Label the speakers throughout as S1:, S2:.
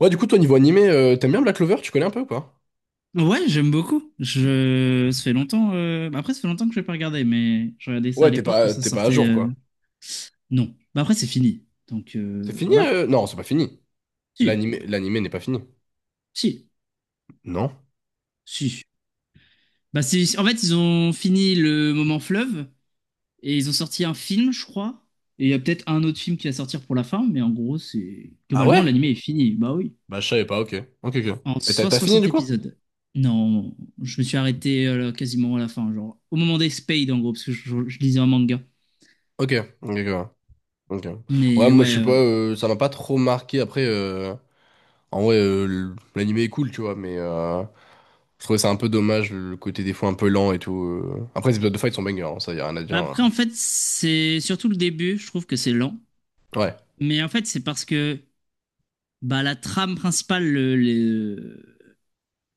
S1: Ouais, du coup, toi, niveau animé, t'aimes bien Black Clover? Tu connais un peu ou pas?
S2: Ouais, j'aime beaucoup. Ça fait longtemps. Bah, après, ça fait longtemps que je vais pas regarder, mais je regardais ça à
S1: Ouais,
S2: l'époque quand ça
S1: t'es pas à
S2: sortait.
S1: jour, quoi.
S2: Non. Bah, après, c'est fini. Donc,
S1: C'est fini?
S2: voilà.
S1: Non, c'est pas fini.
S2: Si,
S1: L'animé n'est pas fini.
S2: si,
S1: Non?
S2: si. Bah c'est. En fait, ils ont fini le moment fleuve et ils ont sorti un film, je crois. Et il y a peut-être un autre film qui va sortir pour la fin, mais en gros, c'est,
S1: Ah
S2: globalement,
S1: ouais?
S2: l'anime est fini. Bah oui.
S1: Bah, je savais pas, ok. Ok, ok.
S2: En
S1: Et
S2: soit
S1: t'as fini,
S2: 60
S1: du coup?
S2: épisodes. Non, je me suis arrêté, quasiment à la fin, genre au moment des Spades, en gros, parce que je lisais un manga.
S1: Ok, ok, ok. Ok. Ouais,
S2: Mais ouais.
S1: moi, je sais pas, ça m'a pas trop marqué. Après, en vrai, l'animé est cool, tu vois, mais je trouvais ça un peu dommage, le côté des fois un peu lent et tout. Après, les épisodes de fight sont bangers, hein, ça, y a rien à dire,
S2: Bah,
S1: hein.
S2: après, en fait, c'est surtout le début, je trouve que c'est lent.
S1: Ouais,
S2: Mais en fait, c'est parce que, bah, la trame principale,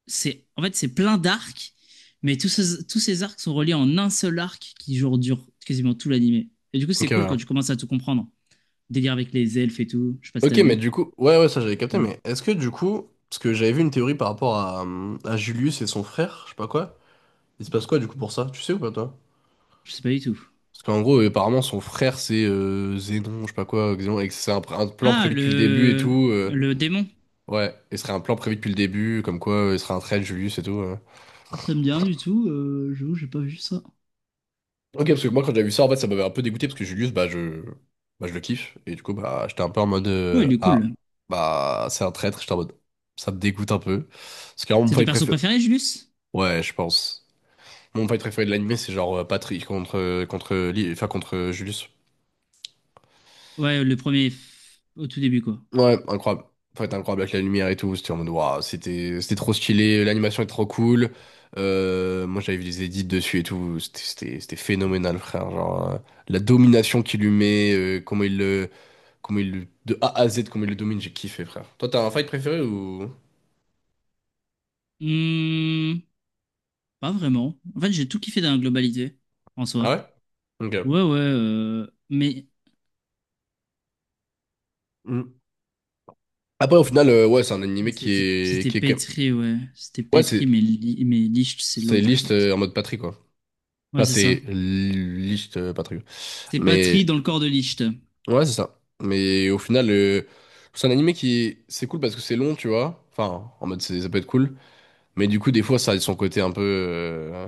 S2: c'est, en fait, c'est plein d'arcs, mais tous ces arcs sont reliés en un seul arc qui, genre, dure quasiment tout l'animé. Et du coup,
S1: ok,
S2: c'est cool quand tu
S1: ouais.
S2: commences à tout comprendre. Délire avec les elfes et tout, je sais pas si t'as
S1: Ok, mais
S2: vu.
S1: du coup, ouais, ouais, ça j'avais capté,
S2: Ouais.
S1: mais est-ce que du coup, parce que j'avais vu une théorie par rapport à Julius et son frère, je sais pas quoi, il se passe quoi du coup pour ça? Tu sais ou pas toi?
S2: Je sais pas du tout.
S1: Parce qu'en gros, apparemment, son frère c'est Zénon, je sais pas quoi, Xénon, et que c'est un plan
S2: Ah,
S1: prévu depuis le début et
S2: le,
S1: tout.
S2: le démon.
S1: Ouais, et ce serait un plan prévu depuis le début, comme quoi il serait un trait de Julius et tout.
S2: Ça me dit rien du tout, j'avoue, j'ai pas vu ça.
S1: Ok, parce que moi quand j'avais vu ça, en fait, ça m'avait un peu dégoûté parce que Julius, bah, je le kiffe, et du coup, bah j'étais un peu en mode
S2: Ouais, il est cool.
S1: ah, bah c'est un traître, j'étais en mode ça me dégoûte un peu. Parce qu'à un moment,
S2: C'est ton
S1: il
S2: perso
S1: préfère.
S2: préféré, Julius?
S1: Ouais, je pense. Mon fight préféré de l'anime, c'est genre Patrick contre, enfin, contre Julius.
S2: Ouais, le premier au tout début, quoi.
S1: Ouais, incroyable. Fight incroyable avec la lumière et tout. C'était en mode, waouh, c'était trop stylé. L'animation est trop cool. Moi, j'avais vu des edits dessus et tout. C'était phénoménal, frère. Genre, la domination qu'il lui met, comment de A à Z, comment il le domine, j'ai kiffé, frère. Toi, t'as un fight préféré ou?
S2: Hmm, pas vraiment. En fait, j'ai tout kiffé dans la globalité, en
S1: Ah
S2: soi.
S1: ouais? Ok.
S2: Ouais, ouais, mais
S1: Mm. Après, au final, ouais, c'est un animé
S2: c'était c'était
S1: qui est quand même.
S2: pétri, ouais. C'était
S1: Ouais,
S2: pétri, mais Licht, c'est
S1: c'est
S2: l'autre, en
S1: liste
S2: fait.
S1: en mode Patrick, quoi.
S2: Ouais,
S1: Ça,
S2: c'est ça.
S1: c'est Licht pas très bien.
S2: C'est Patri
S1: Mais
S2: dans le corps de Licht.
S1: ouais, c'est ça. Mais au final, c'est un animé qui c'est cool parce que c'est long, tu vois. Enfin, en mode, ça peut être cool. Mais du coup, des fois, ça a son côté un peu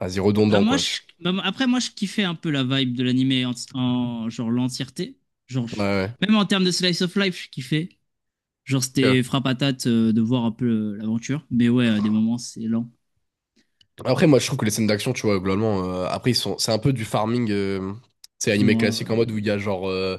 S1: vas-y,
S2: Bah,
S1: redondant,
S2: moi,
S1: quoi. Tu.
S2: bah, après, moi, je kiffais un peu la vibe de l'animé en, genre l'entièreté. Genre,
S1: Ouais,
S2: même en termes de slice of life, je kiffais. Genre,
S1: ouais. Ok.
S2: c'était frappe frappatate, de voir un peu, l'aventure. Mais ouais, à des moments, c'est lent.
S1: Après, moi, je trouve que les scènes d'action, tu vois, globalement, c'est un peu du farming. C'est animé
S2: Dora,
S1: classique en mode où
S2: ouais.
S1: il y a genre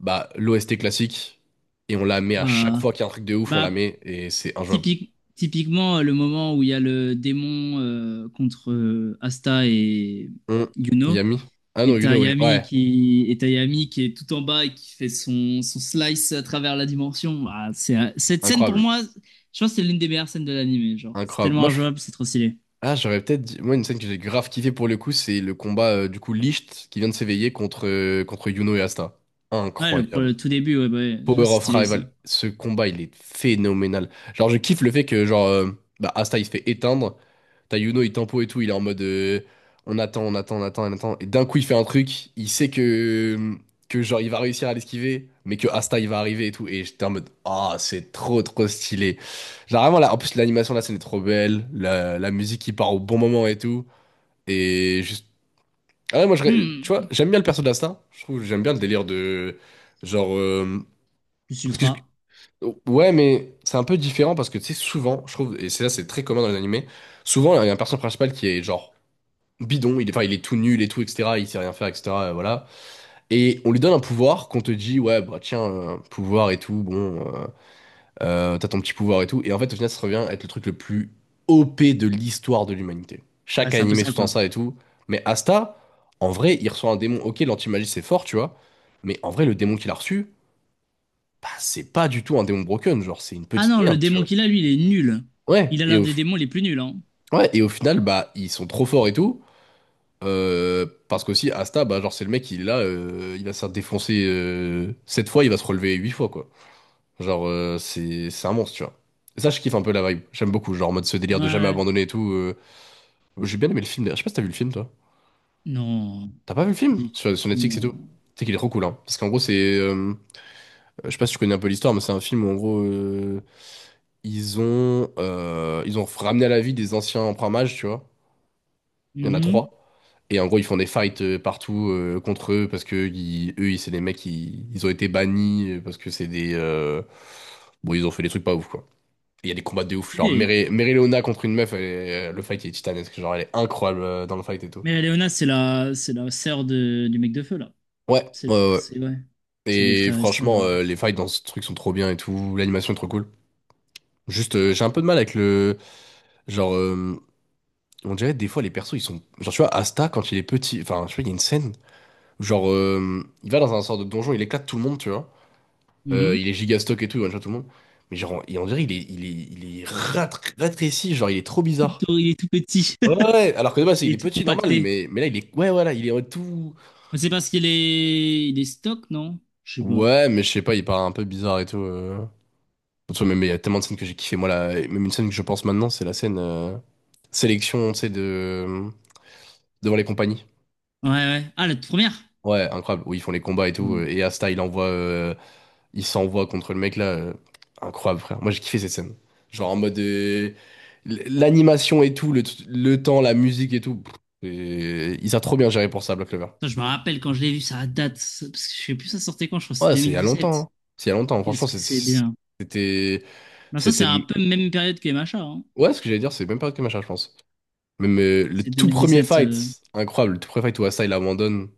S1: bah, l'OST classique et on la met à chaque
S2: Bah.
S1: fois qu'il y a un truc de ouf, on la
S2: Bah,
S1: met et c'est injouable.
S2: Typiquement, le moment où il y a le démon, contre, Asta et
S1: Hum,
S2: Yuno,
S1: Yami? Ah non, you know, ouais. Ouais,
S2: Et t'as Yami qui est tout en bas et qui fait son, son slice à travers la dimension. Ah, c'est, cette scène, pour
S1: incroyable.
S2: moi, je pense que c'est l'une des meilleures scènes de l'anime. Genre, c'est
S1: Incroyable.
S2: tellement injouable, c'est trop stylé.
S1: Ah, j'aurais peut-être dit. Moi, une scène que j'ai grave kiffé pour le coup, c'est le combat du coup Licht qui vient de s'éveiller contre, contre Yuno et Asta.
S2: Ouais,
S1: Incroyable.
S2: le tout début, ouais, bah ouais, je vois,
S1: Power
S2: c'est
S1: of
S2: stylé ça.
S1: Rival, ce combat il est phénoménal. Genre je kiffe le fait que genre bah, Asta il se fait éteindre, t'as Yuno il tempo et tout, il est en mode on attend, on attend, on attend, on attend, et d'un coup il fait un truc, il sait que genre il va réussir à l'esquiver, mais que Asta il va arriver et tout, et j'étais en mode ah c'est trop trop stylé. Genre vraiment là, en plus l'animation de la scène est trop belle, la musique qui part au bon moment et tout, et juste ah ouais tu vois
S2: Hmm.
S1: j'aime bien le perso d'Asta, je trouve j'aime bien le délire de genre
S2: Plus
S1: parce que.
S2: ultra,
S1: Ouais, mais c'est un peu différent parce que tu sais, souvent, je trouve, et c'est là, c'est très commun dans les animés, souvent, il y a un personnage principal qui est genre bidon, enfin, il est tout nul et tout, etc., il sait rien faire, etc., voilà. Et on lui donne un pouvoir qu'on te dit, ouais, bah tiens, pouvoir et tout, bon, t'as ton petit pouvoir et tout, et en fait, au final, ça revient à être le truc le plus OP de l'histoire de l'humanité.
S2: bah
S1: Chaque
S2: c'est un peu
S1: animé
S2: ça
S1: sous-tend
S2: quoi.
S1: ça et tout, mais Asta, en vrai, il reçoit un démon, ok, l'anti-magie, c'est fort, tu vois, mais en vrai, le démon qu'il a reçu, bah, c'est pas du tout un démon broken, genre, c'est une
S2: Ah
S1: petite
S2: non, le
S1: merde, tu
S2: démon
S1: vois.
S2: qu'il a, lui, il est nul.
S1: Ouais,
S2: Il a
S1: et
S2: l'un
S1: au,
S2: des démons les plus nuls, hein.
S1: ouais, et au final, bah, ils sont trop forts et tout. Parce qu'aussi, Asta, bah, genre, c'est le mec, il est là, il va se faire défoncer 7 fois, il va se relever 8 fois, quoi. Genre, c'est un monstre, tu vois. Et ça, je kiffe un peu la vibe. J'aime beaucoup, genre, en mode ce
S2: Ouais,
S1: délire de jamais
S2: ouais.
S1: abandonner et tout. J'ai bien aimé le film, d'ailleurs. Je sais pas si t'as vu le film, toi.
S2: Non.
S1: T'as pas vu le film? Sur Netflix et tout.
S2: Non.
S1: C'est qu'il est trop cool, hein. Parce qu'en gros, c'est. Je sais pas si tu connais un peu l'histoire, mais c'est un film où, en gros, ils ont ramené à la vie des anciens emprunts mages, tu vois. Il y en a 3.
S2: Mhm.
S1: Et en gros, ils font des fights partout contre eux parce que c'est des mecs qui ils ont été bannis parce que c'est des. Bon, ils ont fait des trucs pas ouf, quoi. Et il y a des combats de ouf. Genre,
S2: Stylé.
S1: Mary Leona contre une meuf, le fight il est titanesque. Genre, elle est incroyable dans le fight et tout.
S2: Mais Léona, c'est la sœur de, du mec de feu, là.
S1: Ouais, ouais, ouais.
S2: C'est, ouais. C'est des
S1: Et
S2: frères et sœurs.
S1: franchement, les fights dans ce truc sont trop bien et tout. L'animation est trop cool. Juste, j'ai un peu de mal avec le. Genre, on dirait des fois, les persos, ils sont. Genre, tu vois, Asta, quand il est petit. Enfin, tu vois, il y a une scène. Genre, il va dans un sort de donjon, il éclate tout le monde, tu vois.
S2: Mhm.
S1: Il est giga stock et tout, il one-shot tout le monde. Mais genre, et on dirait il est rétréci, genre, il est trop bizarre.
S2: Tout- il est tout petit.
S1: Ouais, ouais, ouais, alors que de base,
S2: Il
S1: il est
S2: est tout
S1: petit, normal,
S2: compacté.
S1: mais là, il est. Ouais, voilà, il est en tout.
S2: Mais c'est parce qu'il est stock, non? Je sais pas.
S1: Ouais, mais je sais pas, il paraît un peu bizarre et tout. De même, il y a tellement de scènes que j'ai kiffé. Moi, là, même une scène que je pense maintenant, c'est la scène sélection, tu sais, de... devant les compagnies.
S2: Ouais, ouais. Ah, la toute première?
S1: Ouais, incroyable, où ils font les combats et tout.
S2: Ouais.
S1: Et Asta, il envoie il s'envoie contre le mec là. Incroyable, frère. Moi, j'ai kiffé cette scène. Genre en mode. L'animation et tout, le temps, la musique et tout. Pff, et ils ont trop bien géré pour ça, Black Clover.
S2: Putain, je me rappelle quand je l'ai vu, ça date. Parce que je sais plus, ça sortait quand, je crois que
S1: Ouais, c'est il y a
S2: c'est
S1: longtemps,
S2: sept.
S1: hein. C'est il y a longtemps. Franchement,
S2: Qu'est-ce que c'est bien.
S1: c'était.
S2: Non, ça, c'est
S1: C'était.
S2: un peu même période que MHA, hein.
S1: Ouais, ce que j'allais dire, c'est même pas que machin, je pense. Même le
S2: C'est
S1: tout premier
S2: 2017.
S1: fight, incroyable. Le tout premier fight où Asa il abandonne.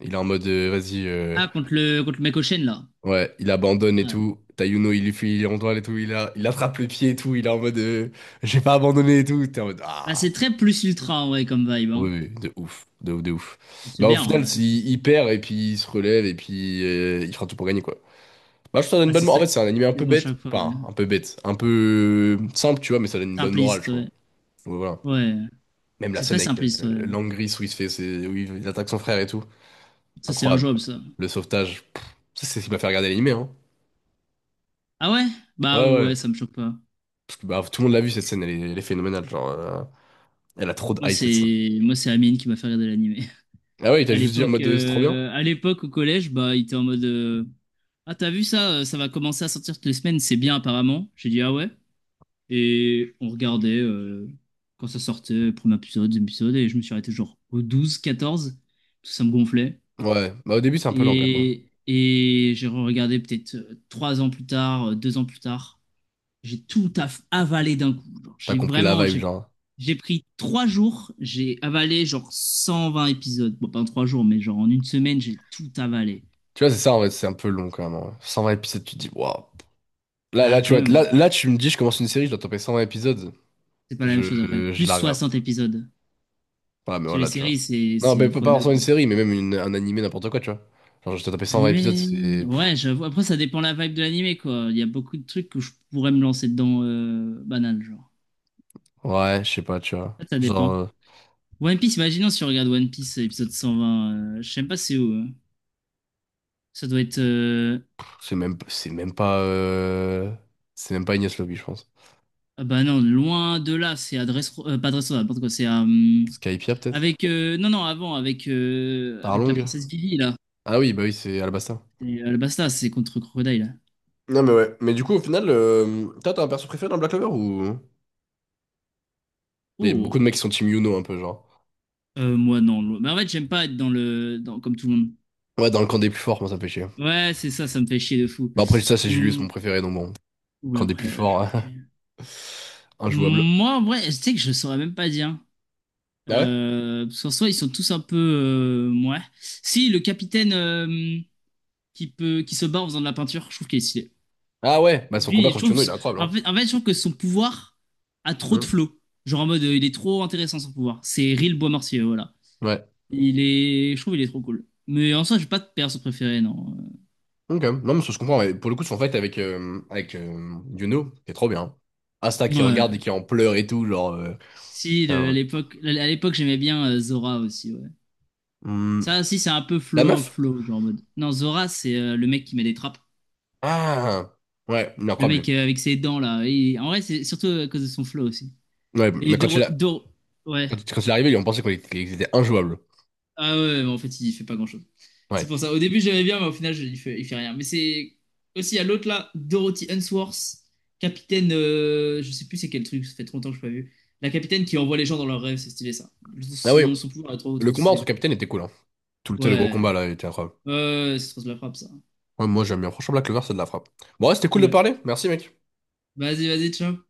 S1: Il est en mode, vas-y.
S2: Ah, contre le mec au chêne, là.
S1: Ouais, il abandonne et
S2: Ouais.
S1: tout. Tayuno, il lui fait, il est en toile et tout. Il attrape le pied et tout. Il est en mode, j'ai pas abandonné et tout. T'es en mode,
S2: Bah,
S1: ah.
S2: c'est très plus ultra, ouais, comme vibe.
S1: Oui,
S2: Hein.
S1: oui, de ouf, de ouf, de ouf.
S2: C'est
S1: Bah, au final,
S2: bien. Ouais. C'est
S1: il perd et puis il se relève et puis il fera tout pour gagner, quoi. Bah, je te donne une
S2: bah,
S1: bonne
S2: c'est
S1: morale.
S2: ça
S1: En
S2: que
S1: fait, c'est un animé un
S2: je
S1: peu
S2: dis, moi, à
S1: bête.
S2: chaque fois.
S1: Enfin, un
S2: Ouais.
S1: peu bête. Un peu simple, tu vois, mais ça donne une bonne morale, je
S2: Simpliste,
S1: crois.
S2: ouais.
S1: Ouais, voilà.
S2: Ouais.
S1: Même la
S2: C'est très
S1: scène avec
S2: simpliste, ouais.
S1: Langris où il se fait, où il attaque son frère et tout.
S2: Ça, c'est
S1: Incroyable.
S2: injouable, ça.
S1: Le sauvetage. Pff, ça, c'est ce qui m'a fait regarder l'animé, hein.
S2: Ah ouais?
S1: Ouais,
S2: Bah ouais,
S1: ouais.
S2: ça me choque pas.
S1: Bah, tout le monde l'a vu cette scène, elle est phénoménale. Genre, elle a trop de
S2: Moi,
S1: hype cette scène.
S2: c'est, moi c'est Amine qui m'a fait regarder l'animé.
S1: Ah ouais, il t'a
S2: À
S1: juste dit en
S2: l'époque,
S1: mode c'est trop bien?
S2: euh, à l'époque, au collège, bah, il était en mode, ah, t'as vu ça? Ça va commencer à sortir toutes les semaines, c'est bien, apparemment. J'ai dit, ah ouais? Et on regardait, quand ça sortait, premier épisode, deuxième épisode, et je me suis arrêté genre au 12-14. Tout ça me gonflait.
S1: Ouais, bah au début c'est un peu lent quand même, hein.
S2: Et j'ai regardé peut-être, 3 ans plus tard, 2 ans plus tard. J'ai tout avalé d'un coup. Genre,
S1: T'as
S2: j'ai
S1: compris la
S2: vraiment,
S1: vibe,
S2: j'ai,
S1: genre.
S2: j'ai pris 3 jours, j'ai avalé genre 120 épisodes. Bon, pas en 3 jours, mais genre en une semaine, j'ai tout avalé.
S1: Tu vois, c'est ça en fait, c'est un peu long quand même, hein. 120 épisodes, tu te dis, waouh.
S2: Ah, quand
S1: Tu vois,
S2: même, ouais.
S1: tu me dis, je commence une série, je dois taper 120 épisodes.
S2: C'est pas la même
S1: Je,
S2: chose après.
S1: je
S2: Plus
S1: la rêve.
S2: 60 épisodes.
S1: Ah, mais
S2: Parce que les
S1: voilà, tu vois.
S2: séries, c'est,
S1: Non,
S2: c'est
S1: mais
S2: x
S1: pas
S2: deux,
S1: forcément une
S2: quoi.
S1: série, mais même un animé, n'importe quoi, tu vois. Genre, je dois taper 120 épisodes,
S2: L'animé,
S1: c'est. Pff,
S2: ouais, j'avoue. Après, ça dépend la vibe de l'animé, quoi. Il y a beaucoup de trucs que je pourrais me lancer dedans, banal, genre.
S1: ouais, je sais pas, tu vois.
S2: Ça
S1: Genre,
S2: dépend. One Piece, imaginons si on regarde One Piece épisode 120, je sais même pas c'est où, hein. Ça doit être.
S1: c'est même pas. C'est même pas Ignace Lobby, je pense.
S2: Ah bah non, loin de là, c'est à pas Dressrosa, n'importe quoi, c'est à.
S1: Skypia, peut-être?
S2: Avec. Non, non, avant, avec, avec la
S1: Tarlong?
S2: princesse Vivi, là.
S1: Ah oui, bah oui, c'est Alabasta.
S2: Et Alabasta, c'est contre Crocodile, là.
S1: Non, mais ouais. Mais du coup, au final, toi, t'as un perso préféré dans Black Clover ou. Il y a beaucoup de
S2: Oh!
S1: mecs qui sont Team Yuno un peu, genre.
S2: Moi, non. Mais en fait, j'aime pas être dans le. Dans... Comme tout le monde.
S1: Ouais, dans le camp des plus forts, moi, ça me fait chier.
S2: Ouais, c'est ça, ça me fait chier de fou.
S1: Bah après, ça, c'est Julius, mon
S2: Hum,
S1: préféré, donc bon.
S2: Ou
S1: Camp des
S2: après,
S1: plus forts.
S2: ok.
S1: Injouable.
S2: Moi, en vrai, tu sais que je saurais même pas dire.
S1: Ah ouais?
S2: Parce qu'en soi, ils sont tous un peu. Ouais. Si, le capitaine, qui se bat en faisant de la peinture, je trouve qu'il est stylé.
S1: Ah ouais, bah son combat
S2: Lui, je
S1: contre
S2: trouve.
S1: Yuno, il est incroyable, hein.
S2: En fait, je trouve que son pouvoir a trop de
S1: Hum,
S2: flow. Genre en mode, il est trop intéressant son pouvoir. C'est Ril bois, voilà.
S1: ouais.
S2: Il est. Je trouve qu'il est trop cool. Mais en soi, j'ai pas de perso préféré, non.
S1: Ok. Non, mais ça se comprend. Mais pour le coup, son fight avec, euh, avec Yuno, c'est trop bien. Asta qui regarde et
S2: Ouais.
S1: qui en pleure et tout, genre.
S2: Si,
S1: Putain,
S2: à
S1: ouais.
S2: l'époque, j'aimais bien, Zora aussi, ouais.
S1: Hum,
S2: Ça aussi, c'est un peu
S1: la
S2: flow,
S1: meuf?
S2: flow, genre en mode. Non, Zora, c'est, le mec qui met des trappes.
S1: Ah! Ouais, il est
S2: Le mec,
S1: incroyable.
S2: avec ses dents là. En vrai, c'est surtout à cause de son flow aussi.
S1: Ouais,
S2: Et
S1: mais quand
S2: Doro...
S1: il a.
S2: Doro- Ouais.
S1: Quand il est arrivé, ils ont pensé qu'ils étaient injouables.
S2: Ah ouais, ouais, mais en fait, il fait pas grand-chose. C'est
S1: Ouais.
S2: pour ça. Au début, j'aimais bien, mais au final, il fait rien. Mais c'est aussi à l'autre là, Dorothy Unsworth, capitaine. Je sais plus c'est quel truc, ça fait trop longtemps que je l'ai pas vu. La capitaine qui envoie les gens dans leurs rêves, c'est stylé ça.
S1: Ah oui,
S2: Son, son pouvoir est trop,
S1: le
S2: trop
S1: combat entre
S2: stylé.
S1: capitaines était cool, hein. Tout le, tu sais, le gros
S2: Ouais.
S1: combat là, il était incroyable.
S2: Ouais, ouais, ouais, c'est trop de la frappe ça.
S1: Ouais, moi j'aime bien. Franchement, Black Clover, c'est de la frappe. Bon, ouais, c'était cool de
S2: Ouais.
S1: parler. Merci, mec.
S2: Vas-y, vas-y, ciao.